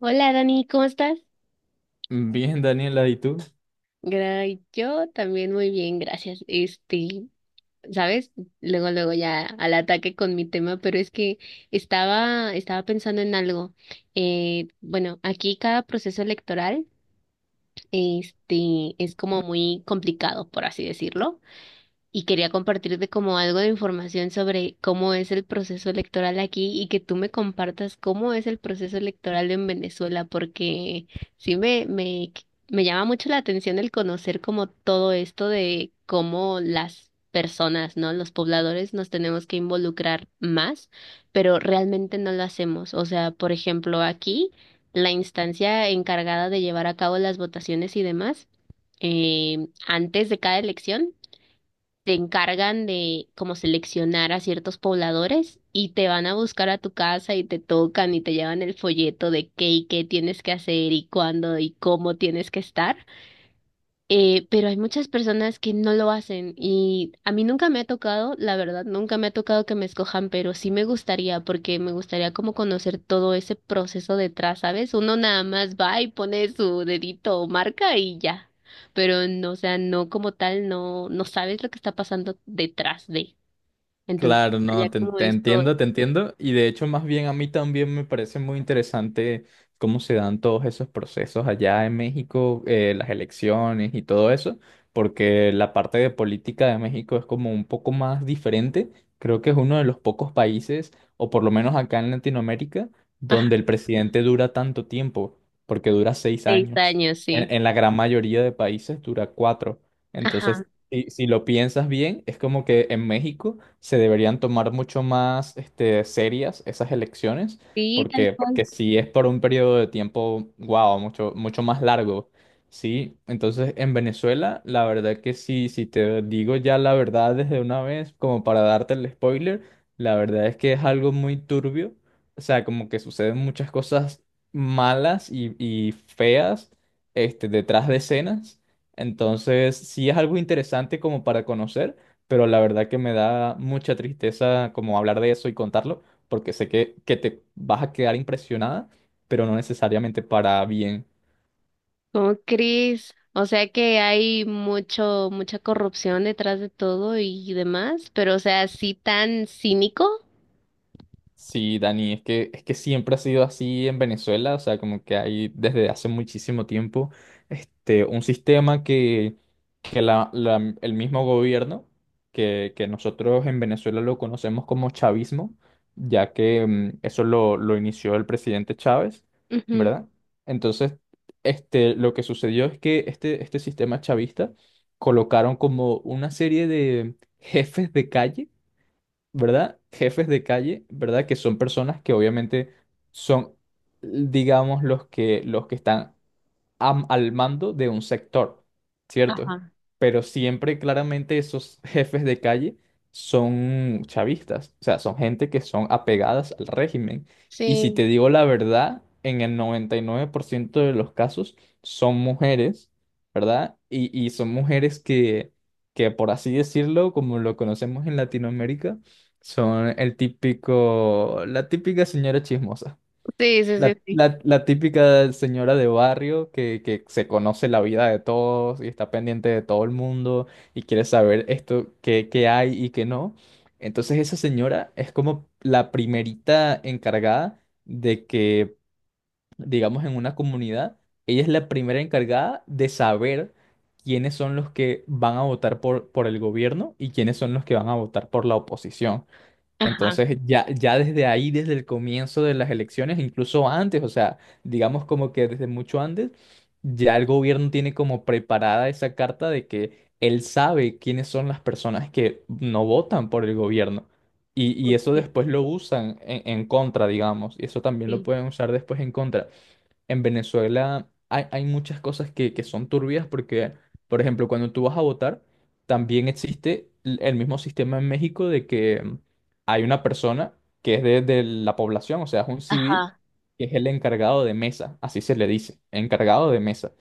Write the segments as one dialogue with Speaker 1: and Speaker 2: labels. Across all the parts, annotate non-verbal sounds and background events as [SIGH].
Speaker 1: Hola Dani, ¿cómo estás?
Speaker 2: Bien, Daniela, ¿y tú?
Speaker 1: Yo también muy bien, gracias. ¿Sabes? Luego, luego ya al ataque con mi tema, pero es que estaba pensando en algo. Bueno, aquí cada proceso electoral, es como muy complicado, por así decirlo. Y quería compartirte como algo de información sobre cómo es el proceso electoral aquí y que tú me compartas cómo es el proceso electoral en Venezuela, porque sí me llama mucho la atención el conocer como todo esto de cómo las personas, ¿no? Los pobladores nos tenemos que involucrar más, pero realmente no lo hacemos. O sea, por ejemplo, aquí la instancia encargada de llevar a cabo las votaciones y demás, antes de cada elección te encargan de como seleccionar a ciertos pobladores y te van a buscar a tu casa y te tocan y te llevan el folleto de qué y qué tienes que hacer y cuándo y cómo tienes que estar. Pero hay muchas personas que no lo hacen y a mí nunca me ha tocado, la verdad, nunca me ha tocado que me escojan, pero sí me gustaría porque me gustaría como conocer todo ese proceso detrás, ¿sabes? Uno nada más va y pone su dedito o marca y ya, pero no, o sea, no como tal, no, no sabes lo que está pasando detrás de. Entonces,
Speaker 2: Claro, no,
Speaker 1: allá
Speaker 2: te,
Speaker 1: como
Speaker 2: te
Speaker 1: esto,
Speaker 2: entiendo, te entiendo. Y de hecho, más bien a mí también me parece muy interesante cómo se dan todos esos procesos allá en México, las elecciones y todo eso, porque la parte de política de México es como un poco más diferente. Creo que es uno de los pocos países, o por lo menos acá en Latinoamérica, donde el presidente dura tanto tiempo, porque dura seis
Speaker 1: seis
Speaker 2: años.
Speaker 1: años, sí.
Speaker 2: En la gran mayoría de países dura cuatro.
Speaker 1: Ajá,
Speaker 2: Entonces, si lo piensas bien, es como que en México se deberían tomar mucho más serias esas elecciones,
Speaker 1: sí, tal
Speaker 2: porque,
Speaker 1: cual.
Speaker 2: porque si es por un periodo de tiempo, wow, mucho, mucho más largo, ¿sí? Entonces, en Venezuela, la verdad que sí, si te digo ya la verdad desde una vez, como para darte el spoiler, la verdad es que es algo muy turbio, o sea, como que suceden muchas cosas malas y feas, detrás de escenas. Entonces, sí es algo interesante como para conocer, pero la verdad que me da mucha tristeza como hablar de eso y contarlo, porque sé que te vas a quedar impresionada, pero no necesariamente para bien.
Speaker 1: ¿Cómo crees? O sea que hay mucho, mucha corrupción detrás de todo y demás, pero o sea, así tan cínico.
Speaker 2: Sí, Dani, es que siempre ha sido así en Venezuela, o sea, como que hay desde hace muchísimo tiempo, un sistema que el mismo gobierno, que nosotros en Venezuela lo conocemos como chavismo, ya que eso lo inició el presidente Chávez,
Speaker 1: Ujú.
Speaker 2: ¿verdad? Entonces, lo que sucedió es que este sistema chavista colocaron como una serie de jefes de calle, ¿verdad? Jefes de calle, ¿verdad? Que son personas que obviamente son, digamos, los que están al mando de un sector, ¿cierto?
Speaker 1: Ajá.
Speaker 2: Pero siempre claramente esos [LAUGHS] jefes de calle son chavistas, o sea, son gente que son apegadas al régimen. Y si
Speaker 1: Sí,
Speaker 2: te digo la verdad, en el 99% de los casos son mujeres, ¿verdad? Y son mujeres que, por así decirlo, como lo conocemos en Latinoamérica, son el típico, la típica señora chismosa.
Speaker 1: sí, sí,
Speaker 2: La,
Speaker 1: sí, sí.
Speaker 2: la- la típica señora de barrio que se conoce la vida de todos y está pendiente de todo el mundo y quiere saber esto, qué hay y qué no. Entonces esa señora es como la primerita encargada de que, digamos, en una comunidad, ella es la primera encargada de saber quiénes son los que van a votar por el gobierno y quiénes son los que van a votar por la oposición.
Speaker 1: Ajá.
Speaker 2: Entonces, ya desde ahí, desde el comienzo de las elecciones, incluso antes, o sea, digamos como que desde mucho antes, ya el gobierno tiene como preparada esa carta de que él sabe quiénes son las personas que no votan por el gobierno. Y eso
Speaker 1: Sí,
Speaker 2: después lo usan en contra, digamos, y eso también lo
Speaker 1: sí.
Speaker 2: pueden usar después en contra. En Venezuela hay muchas cosas que son turbias porque, por ejemplo, cuando tú vas a votar, también existe el mismo sistema en México de que hay una persona que es de la población, o sea, es un civil,
Speaker 1: Ajá.
Speaker 2: que es el encargado de mesa, así se le dice, encargado de mesa,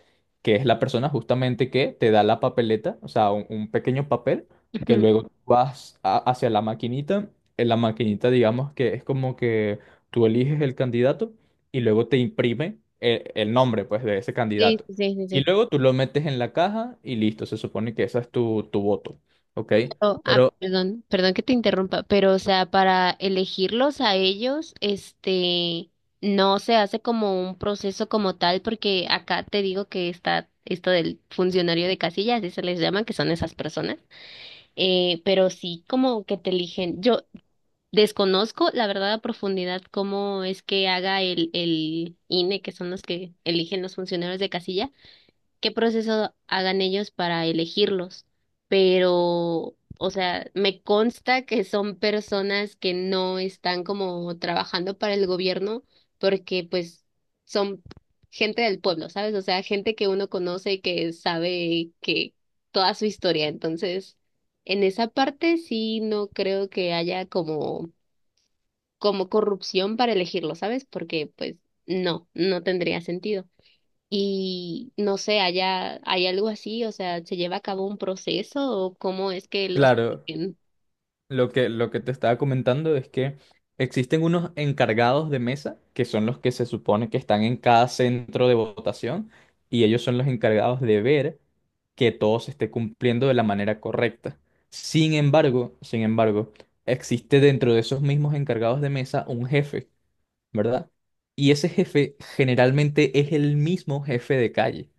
Speaker 2: que es la persona justamente que te da la papeleta, o sea, un pequeño papel, que
Speaker 1: Ujú.
Speaker 2: luego tú vas hacia la maquinita, en la maquinita digamos que es como que tú eliges el candidato y luego te imprime el nombre, pues, de ese
Speaker 1: Sí,
Speaker 2: candidato.
Speaker 1: sí, sí, sí,
Speaker 2: Y
Speaker 1: sí.
Speaker 2: luego tú lo metes en la caja y listo, se supone que esa es tu, tu voto, ¿ok?
Speaker 1: Pero, ah,
Speaker 2: Pero,
Speaker 1: perdón, perdón que te interrumpa, pero o sea, para elegirlos a ellos, no se hace como un proceso como tal, porque acá te digo que está esto del funcionario de casillas, así se les llama, que son esas personas. Pero sí, como que te eligen. Yo desconozco, la verdad, a profundidad cómo es que haga el INE, que son los que eligen los funcionarios de casilla qué proceso hagan ellos para elegirlos, pero, o sea, me consta que son personas que no están como trabajando para el gobierno porque pues son gente del pueblo, ¿sabes? O sea, gente que uno conoce y que sabe que toda su historia. Entonces, en esa parte sí no creo que haya como corrupción para elegirlo, ¿sabes? Porque pues no, no tendría sentido. Y no sé, allá hay algo así, o sea, ¿se lleva a cabo un proceso o cómo es que los...
Speaker 2: claro,
Speaker 1: piquen?
Speaker 2: lo que te estaba comentando es que existen unos encargados de mesa, que son los que se supone que están en cada centro de votación, y ellos son los encargados de ver que todo se esté cumpliendo de la manera correcta. Sin embargo, existe dentro de esos mismos encargados de mesa un jefe, ¿verdad? Y ese jefe generalmente es el mismo jefe de calle.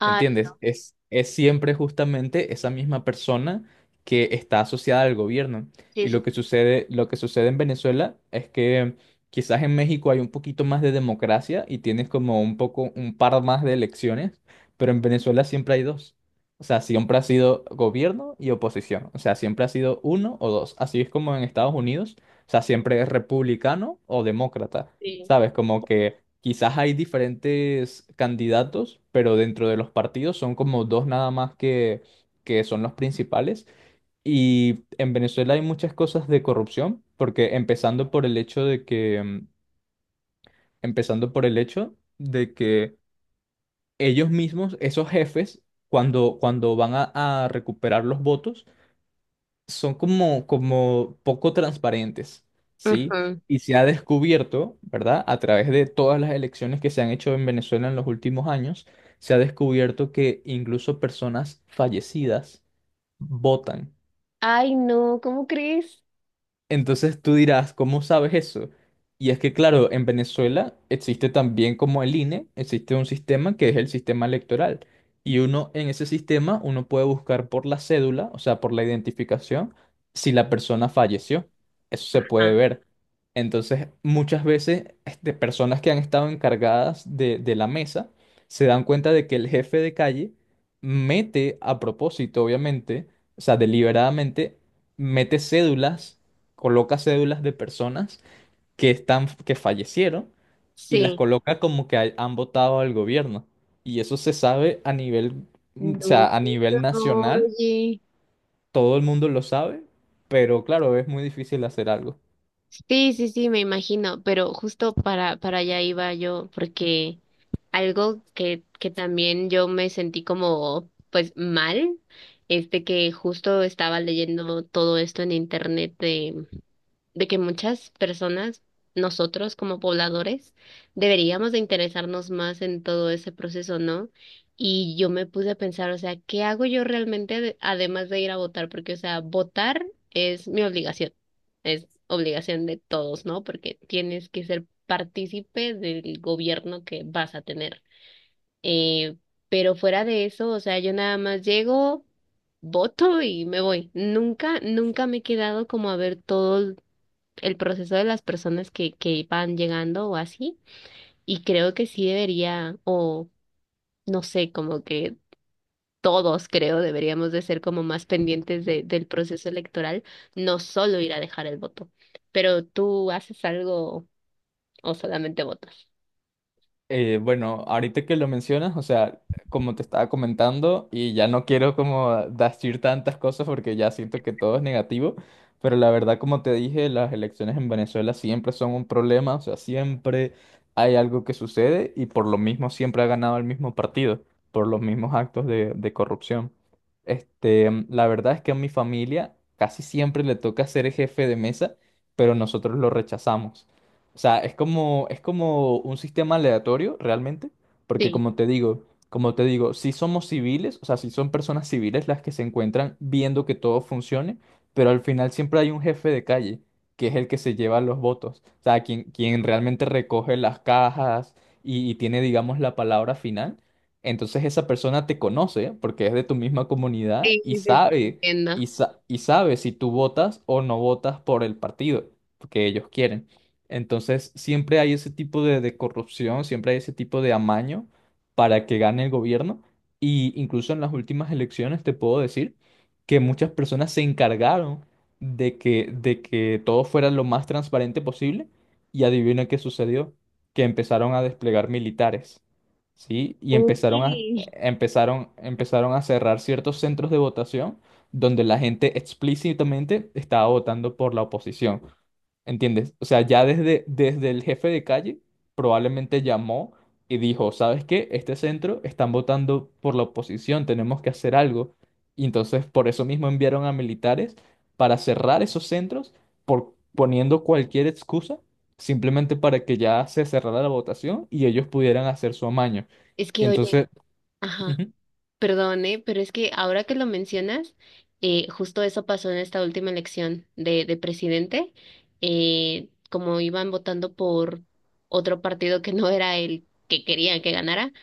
Speaker 1: Ay,
Speaker 2: ¿Entiendes? Es siempre justamente esa misma persona que está asociada al gobierno.
Speaker 1: sí,
Speaker 2: Y
Speaker 1: sí, sí.
Speaker 2: lo que sucede en Venezuela es que quizás en México hay un poquito más de democracia y tienes como un poco, un par más de elecciones, pero en Venezuela siempre hay dos. O sea, siempre ha sido gobierno y oposición. O sea, siempre ha sido uno o dos. Así es como en Estados Unidos. O sea, siempre es republicano o demócrata.
Speaker 1: Sí.
Speaker 2: ¿Sabes? Como que quizás hay diferentes candidatos, pero dentro de los partidos son como dos nada más que son los principales. Y en Venezuela hay muchas cosas de corrupción, porque empezando por el hecho de que ellos mismos, esos jefes, cuando van a recuperar los votos, son como poco transparentes, ¿sí?
Speaker 1: Ujú.
Speaker 2: Y se ha descubierto, ¿verdad? A través de todas las elecciones que se han hecho en Venezuela en los últimos años, se ha descubierto que incluso personas fallecidas votan.
Speaker 1: Ay, no, ¿cómo crees?
Speaker 2: Entonces tú dirás, ¿cómo sabes eso? Y es que, claro, en Venezuela existe también como el INE, existe un sistema que es el sistema electoral. Y uno en ese sistema, uno puede buscar por la cédula, o sea, por la identificación, si la persona falleció. Eso se puede
Speaker 1: Ajá,
Speaker 2: ver. Entonces, muchas veces, personas que han estado encargadas de la mesa se dan cuenta de que el jefe de calle mete a propósito, obviamente, o sea, deliberadamente, mete cédulas coloca cédulas de personas que están, que fallecieron y las
Speaker 1: sí.
Speaker 2: coloca como que han votado al gobierno. Y eso se sabe a nivel, o
Speaker 1: No,
Speaker 2: sea, a
Speaker 1: qué
Speaker 2: nivel
Speaker 1: horror,
Speaker 2: nacional,
Speaker 1: oye.
Speaker 2: todo el mundo lo sabe, pero claro, es muy difícil hacer algo.
Speaker 1: Sí, sí, sí, me imagino, pero justo para allá iba yo, porque algo que también yo me sentí como, pues, mal, que justo estaba leyendo todo esto en internet de que muchas personas, nosotros como pobladores, deberíamos de interesarnos más en todo ese proceso, ¿no? Y yo me puse a pensar, o sea, ¿qué hago yo realmente además de ir a votar? Porque, o sea, votar es mi obligación, es obligación de todos, ¿no? Porque tienes que ser partícipe del gobierno que vas a tener. Eh, pero fuera de eso, o sea, yo nada más llego voto y me voy. Nunca, nunca me he quedado como a ver todo, el proceso de las personas que van llegando o así. Y creo que sí debería, o no sé, como que todos creo deberíamos de ser como más pendientes de, del proceso electoral, no solo ir a dejar el voto. Pero tú haces algo o solamente votas.
Speaker 2: Bueno, ahorita que lo mencionas, o sea, como te estaba comentando, y ya no quiero como decir tantas cosas porque ya siento que todo es negativo, pero la verdad, como te dije, las elecciones en Venezuela siempre son un problema, o sea, siempre hay algo que sucede y por lo mismo siempre ha ganado el mismo partido, por los mismos actos de corrupción. La verdad es que a mi familia casi siempre le toca ser el jefe de mesa, pero nosotros lo rechazamos. O sea, es como un sistema aleatorio realmente, porque
Speaker 1: Sí,
Speaker 2: como te digo, si somos civiles, o sea, si son personas civiles las que se encuentran viendo que todo funcione, pero al final siempre hay un jefe de calle, que es el que se lleva los votos, o sea, quien, quien realmente recoge las cajas y tiene, digamos, la palabra final. Entonces esa persona te conoce porque es de tu misma comunidad
Speaker 1: sí,
Speaker 2: y
Speaker 1: sí, sí,
Speaker 2: sabe,
Speaker 1: entiendo.
Speaker 2: y sabe si tú votas o no votas por el partido que ellos quieren. Entonces, siempre hay ese tipo de corrupción, siempre hay ese tipo de amaño para que gane el gobierno. Y incluso en las últimas elecciones te puedo decir que muchas personas se encargaron de que todo fuera lo más transparente posible. Y adivina qué sucedió, que empezaron a desplegar militares, ¿sí? Y
Speaker 1: Uy,
Speaker 2: empezaron a cerrar ciertos centros de votación donde la gente explícitamente estaba votando por la oposición. ¿Entiendes? O sea, ya desde el jefe de calle probablemente llamó y dijo, ¿sabes qué? Este centro están votando por la oposición, tenemos que hacer algo. Y entonces por eso mismo enviaron a militares para cerrar esos centros por poniendo cualquier excusa, simplemente para que ya se cerrara la votación y ellos pudieran hacer su amaño.
Speaker 1: es
Speaker 2: Y
Speaker 1: que oye,
Speaker 2: entonces,
Speaker 1: ajá.
Speaker 2: ujú.
Speaker 1: Perdone, pero es que ahora que lo mencionas, justo eso pasó en esta última elección de presidente, como iban votando por otro partido que no era el que querían que ganara,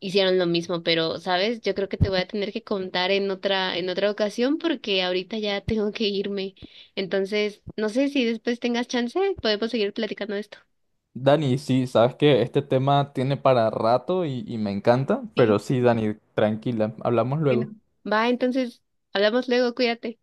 Speaker 1: hicieron lo mismo, pero, ¿sabes? Yo creo que te voy a tener que contar en otra ocasión porque ahorita ya tengo que irme. Entonces, no sé si después tengas chance, podemos seguir platicando de esto.
Speaker 2: Dani, sí, sabes que este tema tiene para rato y me encanta,
Speaker 1: Sí,
Speaker 2: pero sí, Dani, tranquila, hablamos
Speaker 1: bueno,
Speaker 2: luego.
Speaker 1: va, entonces, hablamos luego, cuídate.